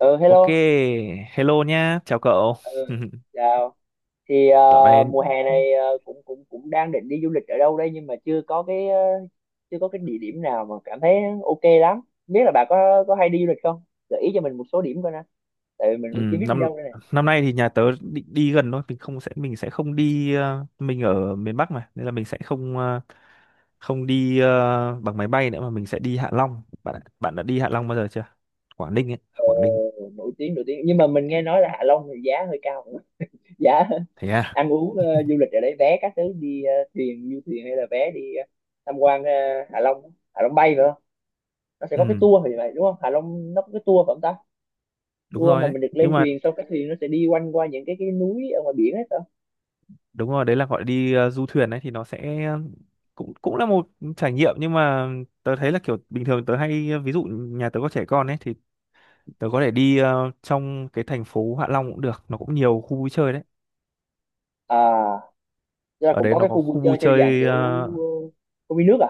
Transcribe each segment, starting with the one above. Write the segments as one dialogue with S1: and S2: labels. S1: Ừ
S2: Ok,
S1: Hello.
S2: hello nhá, chào cậu.
S1: ừ Chào. thì ờ,
S2: Dạo này
S1: Mùa hè này cũng cũng cũng đang định đi du lịch ở đâu đây, nhưng mà chưa có chưa có cái địa điểm nào mà cảm thấy ok lắm. Biết là bà có hay đi du lịch không, gợi ý cho mình một số điểm coi nè, tại vì mình
S2: ừ,
S1: cũng chưa biết đi
S2: năm
S1: đâu đây này.
S2: năm nay thì nhà tớ định đi gần thôi, mình sẽ không đi mình ở miền Bắc mà, nên là mình sẽ không đi bằng máy bay nữa mà mình sẽ đi Hạ Long. Bạn đã đi Hạ Long bao giờ chưa? Quảng Ninh ấy, Quảng Ninh ấy.
S1: Nổi tiếng nhưng mà mình nghe nói là Hạ Long thì giá hơi cao. Giá
S2: Thế à?
S1: ăn uống, du lịch ở đấy, vé các thứ đi thuyền, du thuyền, hay là vé đi tham quan, Hạ Long bay nữa. Nó sẽ có cái
S2: Ừ,
S1: tour thì vậy đúng không? Hạ Long nó có cái tour phải không ta?
S2: đúng
S1: Tour
S2: rồi
S1: mà
S2: đấy.
S1: mình được
S2: Nhưng
S1: lên
S2: mà
S1: thuyền, xong cái thuyền nó sẽ đi quanh qua những cái núi ở ngoài biển hết đó.
S2: đúng rồi, đấy là gọi đi du thuyền đấy thì cũng cũng là một trải nghiệm nhưng mà tớ thấy là kiểu bình thường tớ hay ví dụ nhà tớ có trẻ con ấy thì tớ có thể đi trong cái thành phố Hạ Long cũng được, nó cũng nhiều khu vui chơi đấy.
S1: À, tức là
S2: Ở
S1: cũng
S2: đấy
S1: có
S2: nó
S1: cái
S2: có
S1: khu vui
S2: khu vui
S1: chơi theo dạng
S2: chơi
S1: kiểu uh, công viên nước à?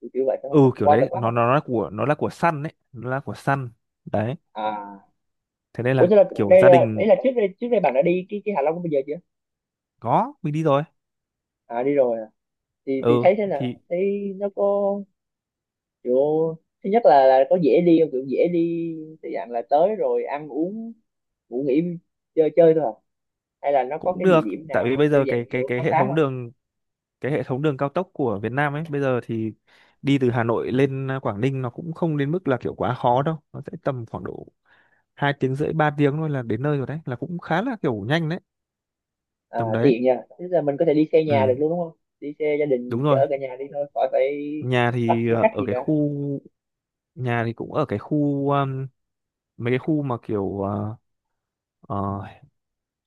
S1: Kiểu Kiểu vậy phải
S2: ừ
S1: không,
S2: kiểu
S1: water
S2: đấy,
S1: park
S2: nó
S1: không?
S2: nó là của nó là của Sun đấy, nó là của Sun. Đấy.
S1: À,
S2: Thế nên
S1: ủa
S2: là
S1: thế là
S2: kiểu
S1: đây
S2: gia
S1: là đấy
S2: đình
S1: là trước đây bạn đã đi cái Hạ Long của bây giờ chưa?
S2: có mình đi rồi.
S1: À, đi rồi à. Thì
S2: Ừ
S1: thấy thế
S2: thì
S1: nào, thấy nó có kiểu, thứ nhất là có dễ đi không? Kiểu dễ đi thì dạng là tới rồi ăn uống, ngủ nghỉ, chơi chơi thôi à? Hay là nó có
S2: cũng
S1: cái địa
S2: được,
S1: điểm
S2: tại vì
S1: nào
S2: bây
S1: theo
S2: giờ
S1: dạng
S2: cái cái
S1: kiểu
S2: cái
S1: khám
S2: hệ
S1: phá
S2: thống
S1: không?
S2: đường, cái hệ thống đường cao tốc của Việt Nam ấy, bây giờ thì đi từ Hà Nội lên Quảng Ninh nó cũng không đến mức là kiểu quá khó đâu, nó sẽ tầm khoảng độ 2 tiếng rưỡi 3 tiếng thôi là đến nơi rồi đấy, là cũng khá là kiểu nhanh đấy,
S1: À,
S2: tầm đấy.
S1: tiện nha, tức là mình có thể đi xe nhà được
S2: Ừ
S1: luôn đúng không? Đi xe gia đình
S2: đúng rồi,
S1: chở cả nhà đi thôi, khỏi phải
S2: nhà
S1: bắt
S2: thì
S1: xe khách
S2: ở
S1: gì
S2: cái
S1: cả.
S2: khu, nhà thì cũng ở cái khu mấy cái khu mà ờ,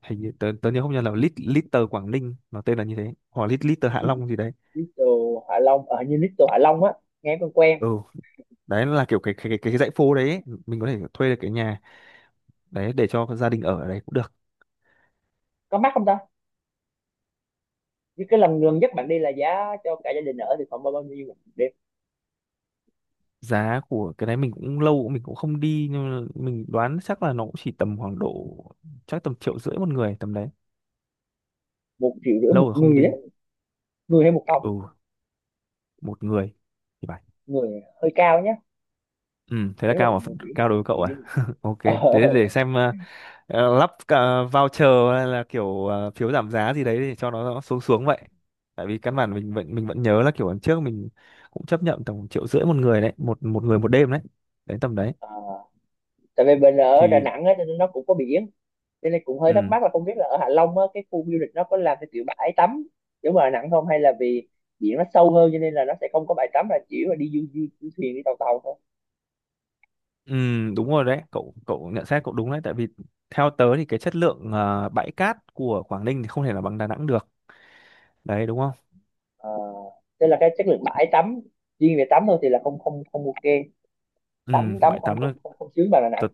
S2: hình như tớ nhớ không nhớ là Lit Little Quảng Ninh nó tên là như thế hoặc Lit Little Hạ Long gì đấy.
S1: Little Hạ Long, ở như Little Hạ Long á? Nghe quen quen.
S2: Ừ đấy là kiểu cái dãy phố đấy ấy. Mình có thể thuê được cái nhà đấy để cho gia đình ở ở đấy cũng được.
S1: Có mắc không ta? Như cái lần gần nhất bạn đi là giá cho cả gia đình ở thì khoảng bao bao nhiêu một đêm?
S2: Giá của cái đấy mình cũng lâu mình cũng không đi nhưng mà mình đoán chắc là nó cũng chỉ tầm khoảng độ chắc tầm triệu rưỡi một người, tầm đấy,
S1: Một triệu rưỡi
S2: lâu
S1: một
S2: rồi không
S1: người á?
S2: đi.
S1: Người hay một phòng?
S2: Ừ, một người thì phải.
S1: Người hơi cao nhá.
S2: Ừ, thế là
S1: Nếu mà
S2: cao mà.
S1: một triệu thì
S2: Cao đối với cậu
S1: triệu
S2: à?
S1: chứ.
S2: Ok,
S1: Ờ,
S2: thế để xem lắp voucher hay là kiểu phiếu giảm giá gì đấy để cho nó xuống xuống vậy. Tại vì căn bản mình vẫn nhớ là kiểu lần trước mình cũng chấp nhận tầm triệu rưỡi một người đấy, một một người một đêm đấy. Đấy tầm đấy.
S1: ờ, à, tại vì mình ở Đà
S2: Thì
S1: Nẵng á cho nên nó cũng có biển, cho nên cũng hơi thắc
S2: ừ,
S1: mắc là không biết là ở Hạ Long á, cái khu du lịch nó có làm cái kiểu bãi tắm giống ở Đà Nẵng không, hay là vì biển nó sâu hơn cho nên là nó sẽ không có bãi tắm, là chỉ là đi du thuyền, đi tàu tàu thôi.
S2: ừ đúng rồi đấy, cậu cậu nhận xét cậu đúng đấy, tại vì theo tớ thì cái chất lượng bãi cát của Quảng Ninh thì không thể là bằng Đà Nẵng được. Đấy đúng không?
S1: Ờ, thế là cái chất lượng bãi tắm, riêng về tắm thôi thì là không không không ok. tắm
S2: Ừ,
S1: Tắm
S2: bãi tắm
S1: không, không sướng bằng Đà Nẵng.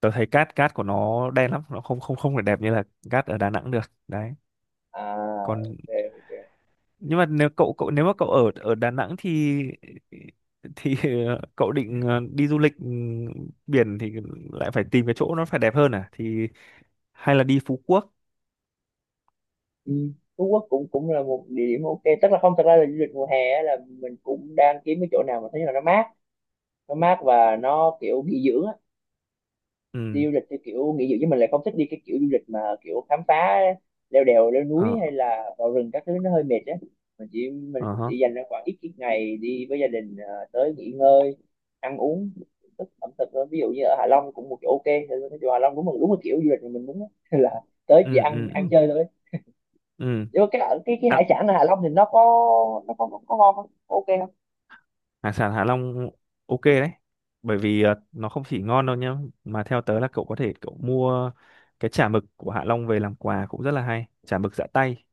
S2: tớ thấy cát cát của nó đen lắm, nó không không không phải đẹp như là cát ở Đà Nẵng được, đấy.
S1: À,
S2: Còn
S1: ok, ok,
S2: nhưng mà nếu mà cậu ở ở Đà Nẵng thì cậu định đi du lịch biển thì lại phải tìm cái chỗ nó phải đẹp hơn à, thì hay là đi Phú Quốc.
S1: ừ. Phú Quốc cũng cũng là một địa điểm ok, tức là không, thật ra là du lịch mùa hè á, là mình cũng đang kiếm cái chỗ nào mà thấy là nó mát, nó mát và nó kiểu nghỉ dưỡng á. Đi
S2: Ừ.
S1: du lịch theo kiểu nghỉ dưỡng, chứ mình lại không thích đi cái kiểu du lịch mà kiểu khám phá, leo đèo leo núi hay
S2: Ờ,
S1: là vào rừng các thứ, nó hơi mệt á. Mình
S2: ờ
S1: cũng
S2: hả.
S1: chỉ dành ra khoảng ít ít ngày đi với gia đình, à, tới nghỉ ngơi, ăn uống, thưởng thức ẩm thực thôi. Ví dụ như ở Hạ Long cũng một chỗ ok, thì cái chỗ Hạ Long cũng một, đúng là kiểu du lịch mà mình muốn á. Là tới chỉ
S2: ừ
S1: ăn
S2: ừ
S1: ăn
S2: ừ
S1: chơi thôi.
S2: ừ.
S1: Nếu cái hải
S2: À,
S1: sản ở Hạ Long thì nó có, nó có ngon không? Có ok không?
S2: hải sản Hạ Long ok đấy, bởi vì nó không chỉ ngon đâu nhá mà theo tớ là cậu có thể cậu mua cái chả mực của Hạ Long về làm quà cũng rất là hay, chả mực giã tay.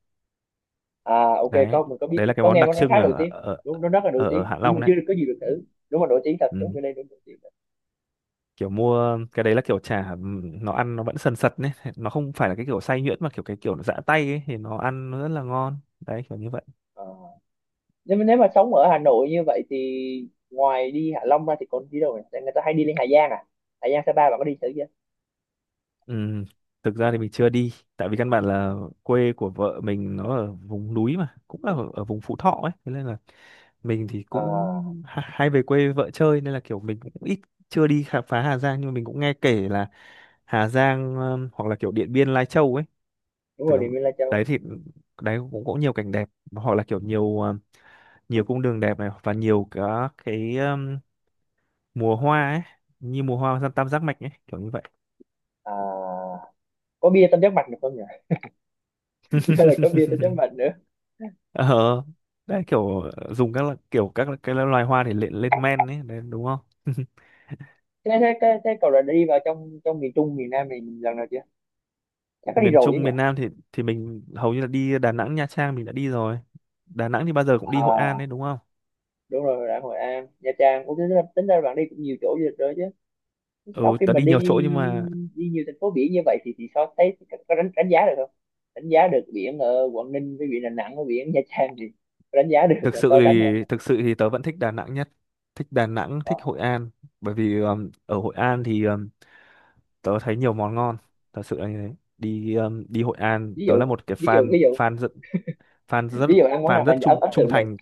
S1: À ok,
S2: Đấy,
S1: có, mình có biết
S2: đấy là
S1: cái-
S2: cái
S1: có
S2: món
S1: nghe
S2: đặc
S1: nó khá
S2: trưng
S1: nổi tiếng. Đúng, nó rất là nổi
S2: ở, ở
S1: tiếng
S2: Hạ
S1: nhưng mà
S2: Long đấy.
S1: chưa có gì được thử. Đúng là nổi tiếng thật, đúng,
S2: Ừ.
S1: cái đây đúng nổi tiếng.
S2: Kiểu mua cái đấy là kiểu chả, ừ, nó ăn nó vẫn sần sật đấy. Nó không phải là cái kiểu xay nhuyễn mà kiểu cái kiểu nó giã tay ấy thì nó ăn nó rất là ngon đấy, kiểu như vậy.
S1: Ờ. Nếu nếu mà sống ở Hà Nội như vậy thì ngoài đi Hạ Long ra thì còn đi đâu nhỉ? Tại người ta hay đi lên Hà Giang à? Hà Giang, Sapa bạn có đi thử chưa?
S2: Ừ. Thực ra thì mình chưa đi, tại vì căn bản là quê của vợ mình nó ở vùng núi mà, cũng là ở vùng Phú Thọ ấy, thế nên là mình thì
S1: À,
S2: cũng hay về quê với vợ chơi nên là kiểu mình cũng ít, chưa đi khám phá Hà Giang nhưng mà mình cũng nghe kể là Hà Giang hoặc là kiểu Điện Biên Lai Châu ấy,
S1: đúng
S2: thực
S1: rồi,
S2: ra
S1: Điện Biên, Lai Châu.
S2: đấy thì đấy cũng có nhiều cảnh đẹp hoặc là kiểu nhiều nhiều cung đường đẹp này và nhiều cả cái mùa hoa ấy, như mùa hoa tam tam giác mạch ấy, kiểu như vậy.
S1: À, có bia tam giác mạch được không nhỉ? Chứ là có bia tam giác mạch nữa.
S2: Ờ đấy kiểu kiểu các cái loài hoa để lên lên men ấy đấy đúng không.
S1: Thế cậu đã đi vào trong trong miền Trung miền Nam mình lần nào chưa? Chắc có đi
S2: Miền
S1: rồi chứ
S2: Trung
S1: nhỉ?
S2: miền Nam thì mình hầu như là đi Đà Nẵng Nha Trang mình đã đi rồi. Đà Nẵng thì bao giờ cũng đi Hội An
S1: À,
S2: đấy đúng không.
S1: đúng rồi, đã Hội An, Nha Trang, cũng tính ra bạn đi cũng nhiều chỗ du lịch rồi chứ. Sau
S2: Ừ
S1: khi
S2: tớ
S1: mà
S2: đi
S1: đi,
S2: nhiều chỗ nhưng mà
S1: đi nhiều thành phố biển như vậy thì sao, thấy có đánh đánh giá được không, đánh giá được biển ở Quảng Ninh với biển Đà Nẵng với biển Nha Trang thì có đánh giá được, là so sánh được không?
S2: thực sự thì tớ vẫn thích Đà Nẵng nhất, thích Đà Nẵng
S1: Ờ,
S2: thích Hội An, bởi vì ở Hội An thì tớ thấy nhiều món ngon thật sự là như thế, đi đi Hội An
S1: ví
S2: tớ
S1: dụ,
S2: là một cái
S1: ví dụ
S2: fan
S1: ví dụ
S2: fan rất fan rất
S1: ví dụ ăn món
S2: fan
S1: nào mà
S2: rất trung
S1: ấn ấn
S2: trung
S1: tượng vậy?
S2: thành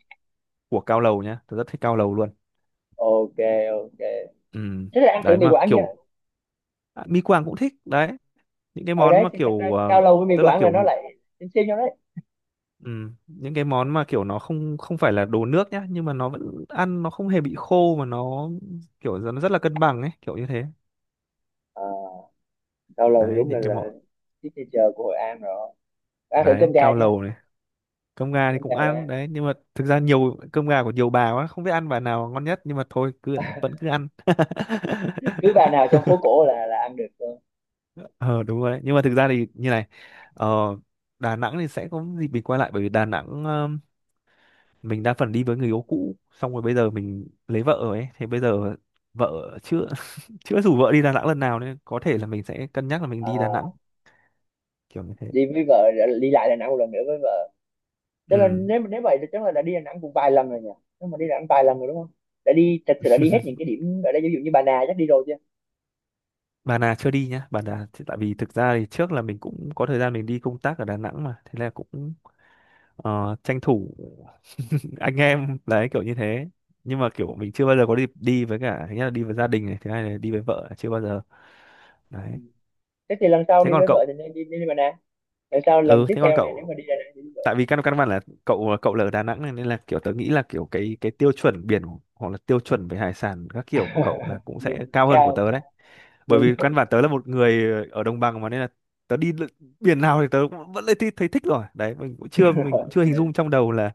S2: của cao lầu nhá, tớ rất thích cao lầu luôn.
S1: Ok, ok,
S2: Ừ.
S1: thế là ăn thử
S2: Đấy
S1: mì
S2: mà
S1: Quảng chưa?
S2: kiểu à, mi Quảng cũng thích đấy. Những cái
S1: Ở
S2: món
S1: đấy
S2: mà
S1: thì thật
S2: kiểu
S1: ra cao lầu với mì
S2: tức là
S1: Quảng là
S2: kiểu
S1: nó lại xem nhau đấy.
S2: ừ, những cái món mà kiểu nó không không phải là đồ nước nhá nhưng mà nó vẫn ăn nó không hề bị khô mà nó kiểu nó rất là cân bằng ấy, kiểu như thế.
S1: Ờ, cao lầu thì
S2: Đấy
S1: đúng
S2: những cái món
S1: là signature của Hội An rồi. Ăn thử
S2: đấy,
S1: cơm gà
S2: cao
S1: chưa?
S2: lầu này. Cơm gà thì
S1: Cơm
S2: cũng
S1: gà Hội
S2: ăn
S1: An
S2: đấy nhưng mà thực ra nhiều cơm gà của nhiều bà quá không biết ăn bà nào ngon nhất nhưng mà thôi cứ vẫn cứ ăn.
S1: cứ bà nào trong phố cổ là ăn được luôn.
S2: Ờ đúng rồi đấy nhưng mà thực ra thì như này, ờ, Đà Nẵng thì sẽ có dịp mình quay lại bởi vì Đà Nẵng mình đa phần đi với người yêu cũ xong rồi bây giờ mình lấy vợ rồi ấy thì bây giờ vợ chưa chưa rủ vợ đi Đà Nẵng lần nào nên có thể là mình sẽ cân nhắc là mình
S1: Ờ,
S2: đi Đà Nẵng, kiểu như thế.
S1: đi với vợ, đi lại Đà Nẵng một lần nữa với vợ. Tức là
S2: Ừ.
S1: nếu nếu vậy thì chắc là đã đi Đà Nẵng cũng vài lần rồi nhỉ? Nếu mà đi Đà Nẵng vài lần rồi đúng không? Đã đi, thật sự đã đi hết những cái điểm ở đây, ví dụ như Bà Nà chắc đi rồi chưa?
S2: Bà Nà chưa đi nhá, Bà Nà thì tại vì thực ra thì trước là mình cũng có thời gian mình đi công tác ở Đà Nẵng mà, thế là cũng tranh thủ anh em đấy, kiểu như thế. Nhưng mà kiểu mình chưa bao giờ có dịp đi, với cả thứ nhất là đi với gia đình này, thứ hai là đi với vợ chưa bao giờ.
S1: Ừ.
S2: Đấy.
S1: Thế thì lần sau
S2: Thế
S1: đi
S2: còn
S1: với vợ
S2: cậu,
S1: thì nên đi, đi Bà Nà. Lần sau lần
S2: ừ
S1: tiếp
S2: thế còn
S1: theo này nếu
S2: cậu,
S1: mà đi Đà Nẵng thì đi vợ.
S2: tại vì căn căn bản là cậu cậu là ở Đà Nẵng này nên là kiểu tớ nghĩ là kiểu cái tiêu chuẩn biển hoặc là tiêu chuẩn về hải sản các kiểu của cậu là cũng
S1: Đường
S2: sẽ
S1: nó
S2: cao hơn của
S1: cao.
S2: tớ đấy. Bởi
S1: Đúng
S2: vì
S1: Đúng
S2: căn bản tớ là một người ở đồng bằng mà nên là tớ biển nào thì tớ cũng vẫn thấy thích rồi đấy, mình
S1: rồi.
S2: cũng chưa hình dung trong đầu là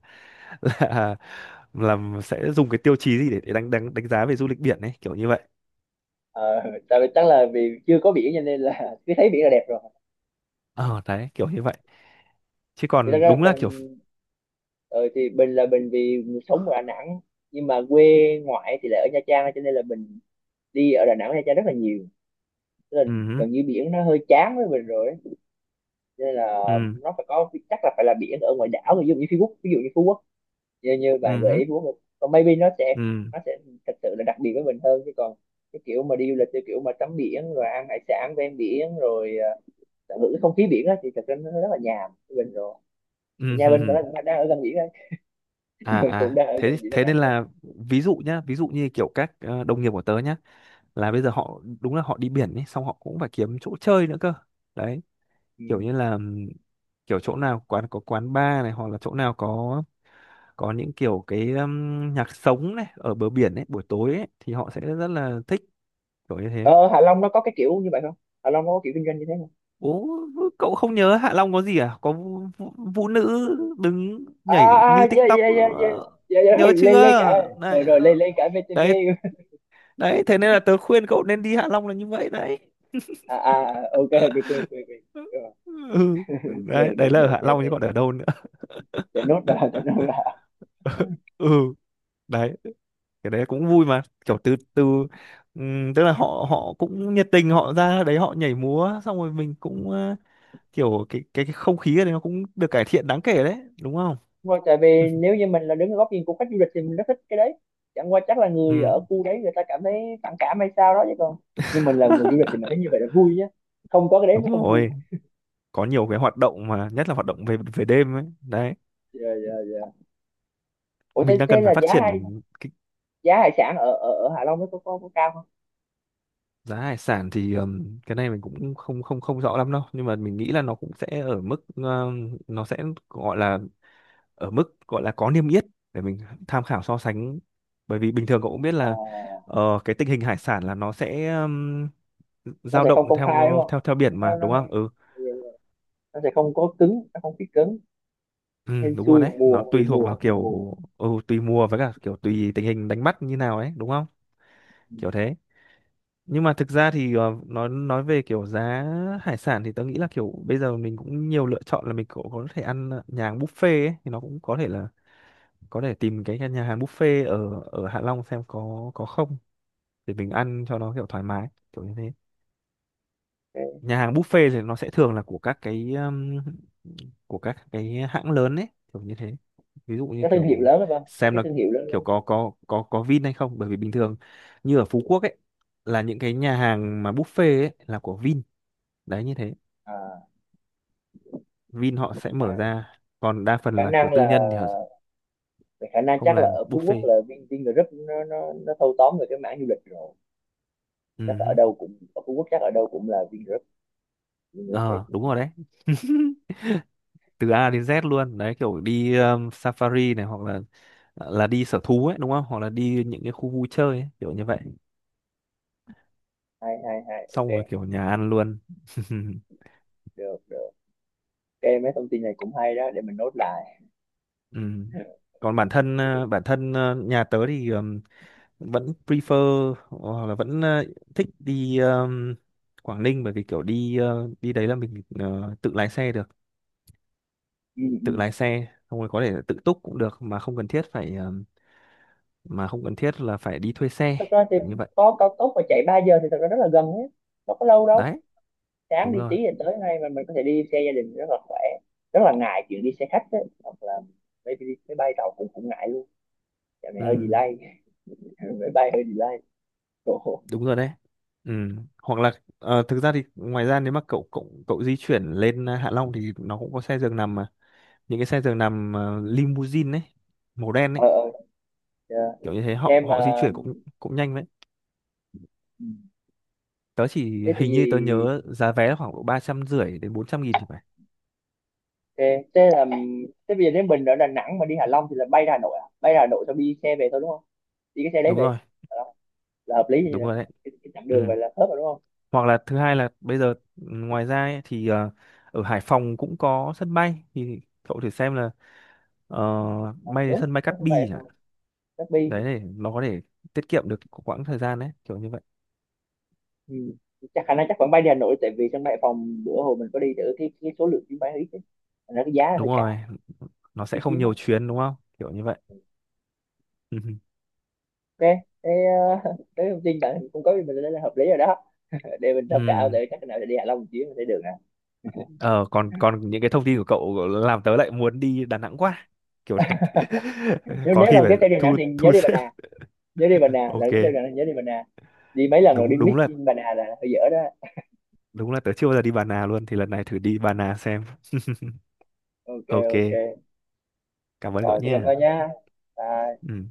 S2: là là sẽ dùng cái tiêu chí gì để đánh đánh đánh giá về du lịch biển ấy, kiểu như vậy.
S1: Ờ, tại vì chắc là vì chưa có biển cho nên là cứ thấy biển là đẹp rồi.
S2: Ờ đấy kiểu như vậy chứ
S1: Thì thật
S2: còn
S1: ra là
S2: đúng là
S1: mình,
S2: kiểu
S1: ờ, thì mình vì sống ở Đà Nẵng nhưng mà quê ngoại thì lại ở Nha Trang, cho nên là mình đi ở Đà Nẵng, Nha Trang rất là nhiều. Tức là
S2: ừ.
S1: gần như biển nó hơi chán với mình rồi, nên là
S2: ừ
S1: nó phải có, chắc là phải là biển ở ngoài đảo, ví dụ như Phú Quốc ví dụ như Phú Quốc, như như bạn gợi
S2: ừ
S1: ý Phú Quốc, còn maybe nó sẽ,
S2: ừ
S1: nó sẽ thật sự là đặc biệt với mình hơn. Chứ còn cái kiểu mà đi du lịch theo kiểu mà tắm biển rồi ăn hải sản ven biển rồi tận hưởng cái không khí biển á thì thật ra nó rất là nhàm với mình rồi. Thì nhà mình thật
S2: ừ
S1: ra cũng đang ở gần biển thôi, nhà mình
S2: à
S1: cũng
S2: à
S1: đang ở
S2: thế
S1: gần biển Đà
S2: thế
S1: Nẵng
S2: nên
S1: thôi.
S2: là ví dụ nhá, ví dụ như kiểu các đồng nghiệp của tớ nhá, là bây giờ họ đúng là họ đi biển ấy xong họ cũng phải kiếm chỗ chơi nữa cơ, đấy,
S1: Ừ.
S2: kiểu như là kiểu chỗ nào quán có quán bar này hoặc là chỗ nào có những kiểu cái nhạc sống này ở bờ biển ấy buổi tối ấy thì họ sẽ rất là thích, kiểu như thế.
S1: Ờ, Hạ Long nó có cái kiểu như vậy không? Hạ Long nó có kiểu kinh doanh như thế không?
S2: Ố cậu không nhớ Hạ Long có gì à? Có vũ nữ đứng
S1: À
S2: nhảy như
S1: yeah
S2: TikTok,
S1: yeah yeah yeah,
S2: ờ,
S1: yeah yeah,
S2: nhớ
S1: lên lên cả.
S2: chưa? Đấy,
S1: Rồi rồi, lên
S2: ờ,
S1: lên cả VTV.
S2: đấy đấy thế nên là tớ khuyên cậu nên đi Hạ Long là như vậy đấy.
S1: À, ok, được, quên quên quên.
S2: Ừ, ừ, đấy
S1: Được
S2: đấy là ở
S1: được
S2: Hạ
S1: để,
S2: Long chứ còn ở đâu nữa.
S1: để nốt vào, để nốt vào.
S2: Ừ, đấy cái đấy cũng vui mà kiểu từ từ. Tức là họ họ cũng nhiệt tình, họ ra đấy họ nhảy múa xong rồi mình cũng kiểu cái không khí ở đấy nó cũng được cải thiện đáng kể đấy, đúng không?
S1: Vâng, tại vì nếu như mình là đứng ở góc nhìn của khách du lịch thì mình rất thích cái đấy. Chẳng qua chắc là người
S2: Ừ,
S1: ở khu đấy người ta cảm thấy phản cảm hay sao đó, chứ còn, nhưng mình là người du lịch thì mình thấy như vậy là vui nhé. Không có cái đấy
S2: đúng
S1: mới không vui.
S2: rồi, có nhiều cái hoạt động mà nhất là hoạt động về về đêm ấy đấy,
S1: Dạ dạ dạ.
S2: mình đang
S1: Thế
S2: cần phải
S1: là
S2: phát
S1: giá hải,
S2: triển cái.
S1: giá hải sản ở ở ở Hạ Long nó có cao không?
S2: Giá hải sản thì cái này mình cũng không không không rõ lắm đâu, nhưng mà mình nghĩ là nó cũng sẽ ở mức nó sẽ gọi là ở mức gọi là có niêm yết để mình tham khảo so sánh. Bởi vì bình thường cậu cũng biết
S1: Ờ,
S2: là cái tình hình hải sản là nó sẽ
S1: nó
S2: dao
S1: sẽ không
S2: động
S1: công khai đúng
S2: theo
S1: không,
S2: theo theo biển mà,
S1: nó nó
S2: đúng không?
S1: hay-,
S2: Ừ.
S1: nó sẽ không có cứng, nó không biết cứng
S2: Ừ
S1: hay
S2: đúng rồi
S1: xui
S2: đấy,
S1: vào
S2: nó
S1: mùa,
S2: tùy thuộc vào
S1: tùy
S2: kiểu.
S1: mùa.
S2: Ừ, tùy mùa với cả kiểu tùy tình hình đánh bắt như nào ấy, đúng không? Kiểu thế. Nhưng mà thực ra thì nói về kiểu giá hải sản thì tớ nghĩ là kiểu bây giờ mình cũng nhiều lựa chọn, là mình cũng có thể ăn nhà hàng buffet ấy, thì nó cũng có thể là có thể tìm cái nhà hàng buffet ở ở Hạ Long xem có không để mình ăn cho nó kiểu thoải mái kiểu như thế.
S1: Ừ.
S2: Nhà hàng buffet thì nó sẽ thường là của các cái hãng lớn ấy, kiểu như thế. Ví dụ như
S1: Các thương hiệu
S2: kiểu
S1: lớn phải không, các
S2: xem
S1: cái
S2: là
S1: thương hiệu lớn
S2: kiểu
S1: lớn?
S2: có Vin hay không, bởi vì bình thường như ở Phú Quốc ấy, là những cái nhà hàng mà buffet ấy là của Vin. Đấy như thế,
S1: À,
S2: Vin họ sẽ mở
S1: à,
S2: ra, còn đa phần
S1: khả
S2: là kiểu
S1: năng
S2: tư
S1: là,
S2: nhân thì họ
S1: khả năng
S2: không
S1: chắc là
S2: làm
S1: ở Phú Quốc
S2: buffet.
S1: là Vin, Vingroup nó thâu tóm về cái mảng du lịch rồi. Chắc ở
S2: Ừ.
S1: đâu cũng, ở Phú Quốc chắc ở đâu cũng là Vingroup, Vingroup hết.
S2: Ờ đúng rồi đấy. Từ A đến Z luôn đấy, kiểu đi safari này, hoặc là là đi sở thú ấy, đúng không? Hoặc là đi những cái khu vui chơi ấy, kiểu như vậy,
S1: Hai hai Hai ok,
S2: xong rồi kiểu nhà ăn luôn.
S1: được được, ok, mấy thông tin này cũng hay đó, để mình nốt lại.
S2: Ừ. Còn bản thân
S1: Ok.
S2: bản thân nhà tớ thì vẫn prefer, hoặc là vẫn thích đi Quảng Ninh, bởi vì kiểu đi đi đấy là mình tự lái xe được,
S1: Ừ.
S2: tự lái xe xong rồi có thể là tự túc cũng được mà không cần thiết phải mà không cần thiết là phải đi thuê xe,
S1: Thật ra thì
S2: kiểu như vậy.
S1: có cao tốc mà chạy 3 giờ thì thật ra rất là gần hết, đâu có lâu đâu.
S2: Đấy
S1: Sáng
S2: đúng
S1: đi
S2: rồi.
S1: tí thì tới ngay, mà mình có thể đi xe gia đình rất là khỏe, rất là ngại chuyện đi xe khách ấy. Hoặc là mấy, đi- máy bay, tàu cũng cũng ngại luôn. Dạo này hơi
S2: Ừ
S1: delay. Máy bay hơi delay. Ồ,
S2: đúng rồi đấy. Ừ. Hoặc là thực ra thì ngoài ra nếu mà cậu cậu cậu di chuyển lên à, Hạ Long thì nó cũng có xe giường nằm mà, những cái xe giường nằm à, limousine ấy, màu đen ấy,
S1: ờ, dạ.
S2: kiểu như thế họ
S1: Em,
S2: họ di chuyển cũng cũng nhanh đấy.
S1: ừ.
S2: Tớ chỉ
S1: Thế thì
S2: hình như tớ nhớ giá vé là khoảng độ 350 nghìn đến 400 nghìn thì phải.
S1: thế, thế là thế, bây giờ nếu mình ở Đà Nẵng mà đi Hạ Long thì là bay ra Hà Nội à, bay ra Hà Nội xong đi xe về thôi đúng không, đi cái xe đấy
S2: Đúng
S1: về
S2: rồi.
S1: Hạ Long là hợp lý như thế
S2: Đúng
S1: này.
S2: rồi đấy.
S1: Cái chặng đường
S2: Ừ.
S1: vậy là khớp rồi đúng không?
S2: Hoặc là thứ hai là bây giờ ừ, ngoài ra ấy, thì ở Hải Phòng cũng có sân bay, thì cậu thử xem là ờ,
S1: Ờ,
S2: bay đến
S1: đúng,
S2: sân bay
S1: có
S2: Cát
S1: sân bay
S2: Bi
S1: Hải
S2: chẳng.
S1: Phòng, chắc bi.
S2: Đấy để nó có thể tiết kiệm được quãng thời gian đấy, kiểu như vậy.
S1: Ừ. Chắc khả năng chắc vẫn bay đi Hà Nội, tại vì sân bay Hải Phòng bữa hồi mình có đi thử cái số lượng chuyến bay ít ấy. Thành ra cái giá hơi
S2: Đúng rồi,
S1: cao,
S2: nó
S1: ít
S2: sẽ không
S1: chuyến đó.
S2: nhiều chuyến, đúng không, kiểu như vậy. Ừ.
S1: Ok, thế, thế thông tin bạn cung cấp có mình đây là hợp lý rồi đó, để mình thông
S2: Ừ.
S1: cảm, để chắc nào để đi Hạ Long một chuyến sẽ được nè.
S2: Ờ, còn còn những cái thông tin của cậu làm tớ lại muốn đi Đà Nẵng quá kiểu này.
S1: Nếu
S2: Có
S1: nếu
S2: khi
S1: lần
S2: phải
S1: tiếp theo đi Đà Nẵng
S2: thu
S1: thì nhớ
S2: thu
S1: đi Bà
S2: xếp.
S1: Nà, nhớ đi Bà Nà. Lần
S2: Ok.
S1: tiếp theo đi Đà Nẵng nhớ đi Bà Nà. Đi mấy lần rồi đi
S2: đúng đúng
S1: mix,
S2: là
S1: Bà Nà là hơi dở đó.
S2: đúng là tớ chưa bao giờ đi Bà Nà luôn, thì lần này thử đi Bà Nà xem.
S1: Ok ok,
S2: Ok, cảm ơn cậu
S1: rồi thì cảm
S2: nha.
S1: ơn nhá. Bye.
S2: Ừ.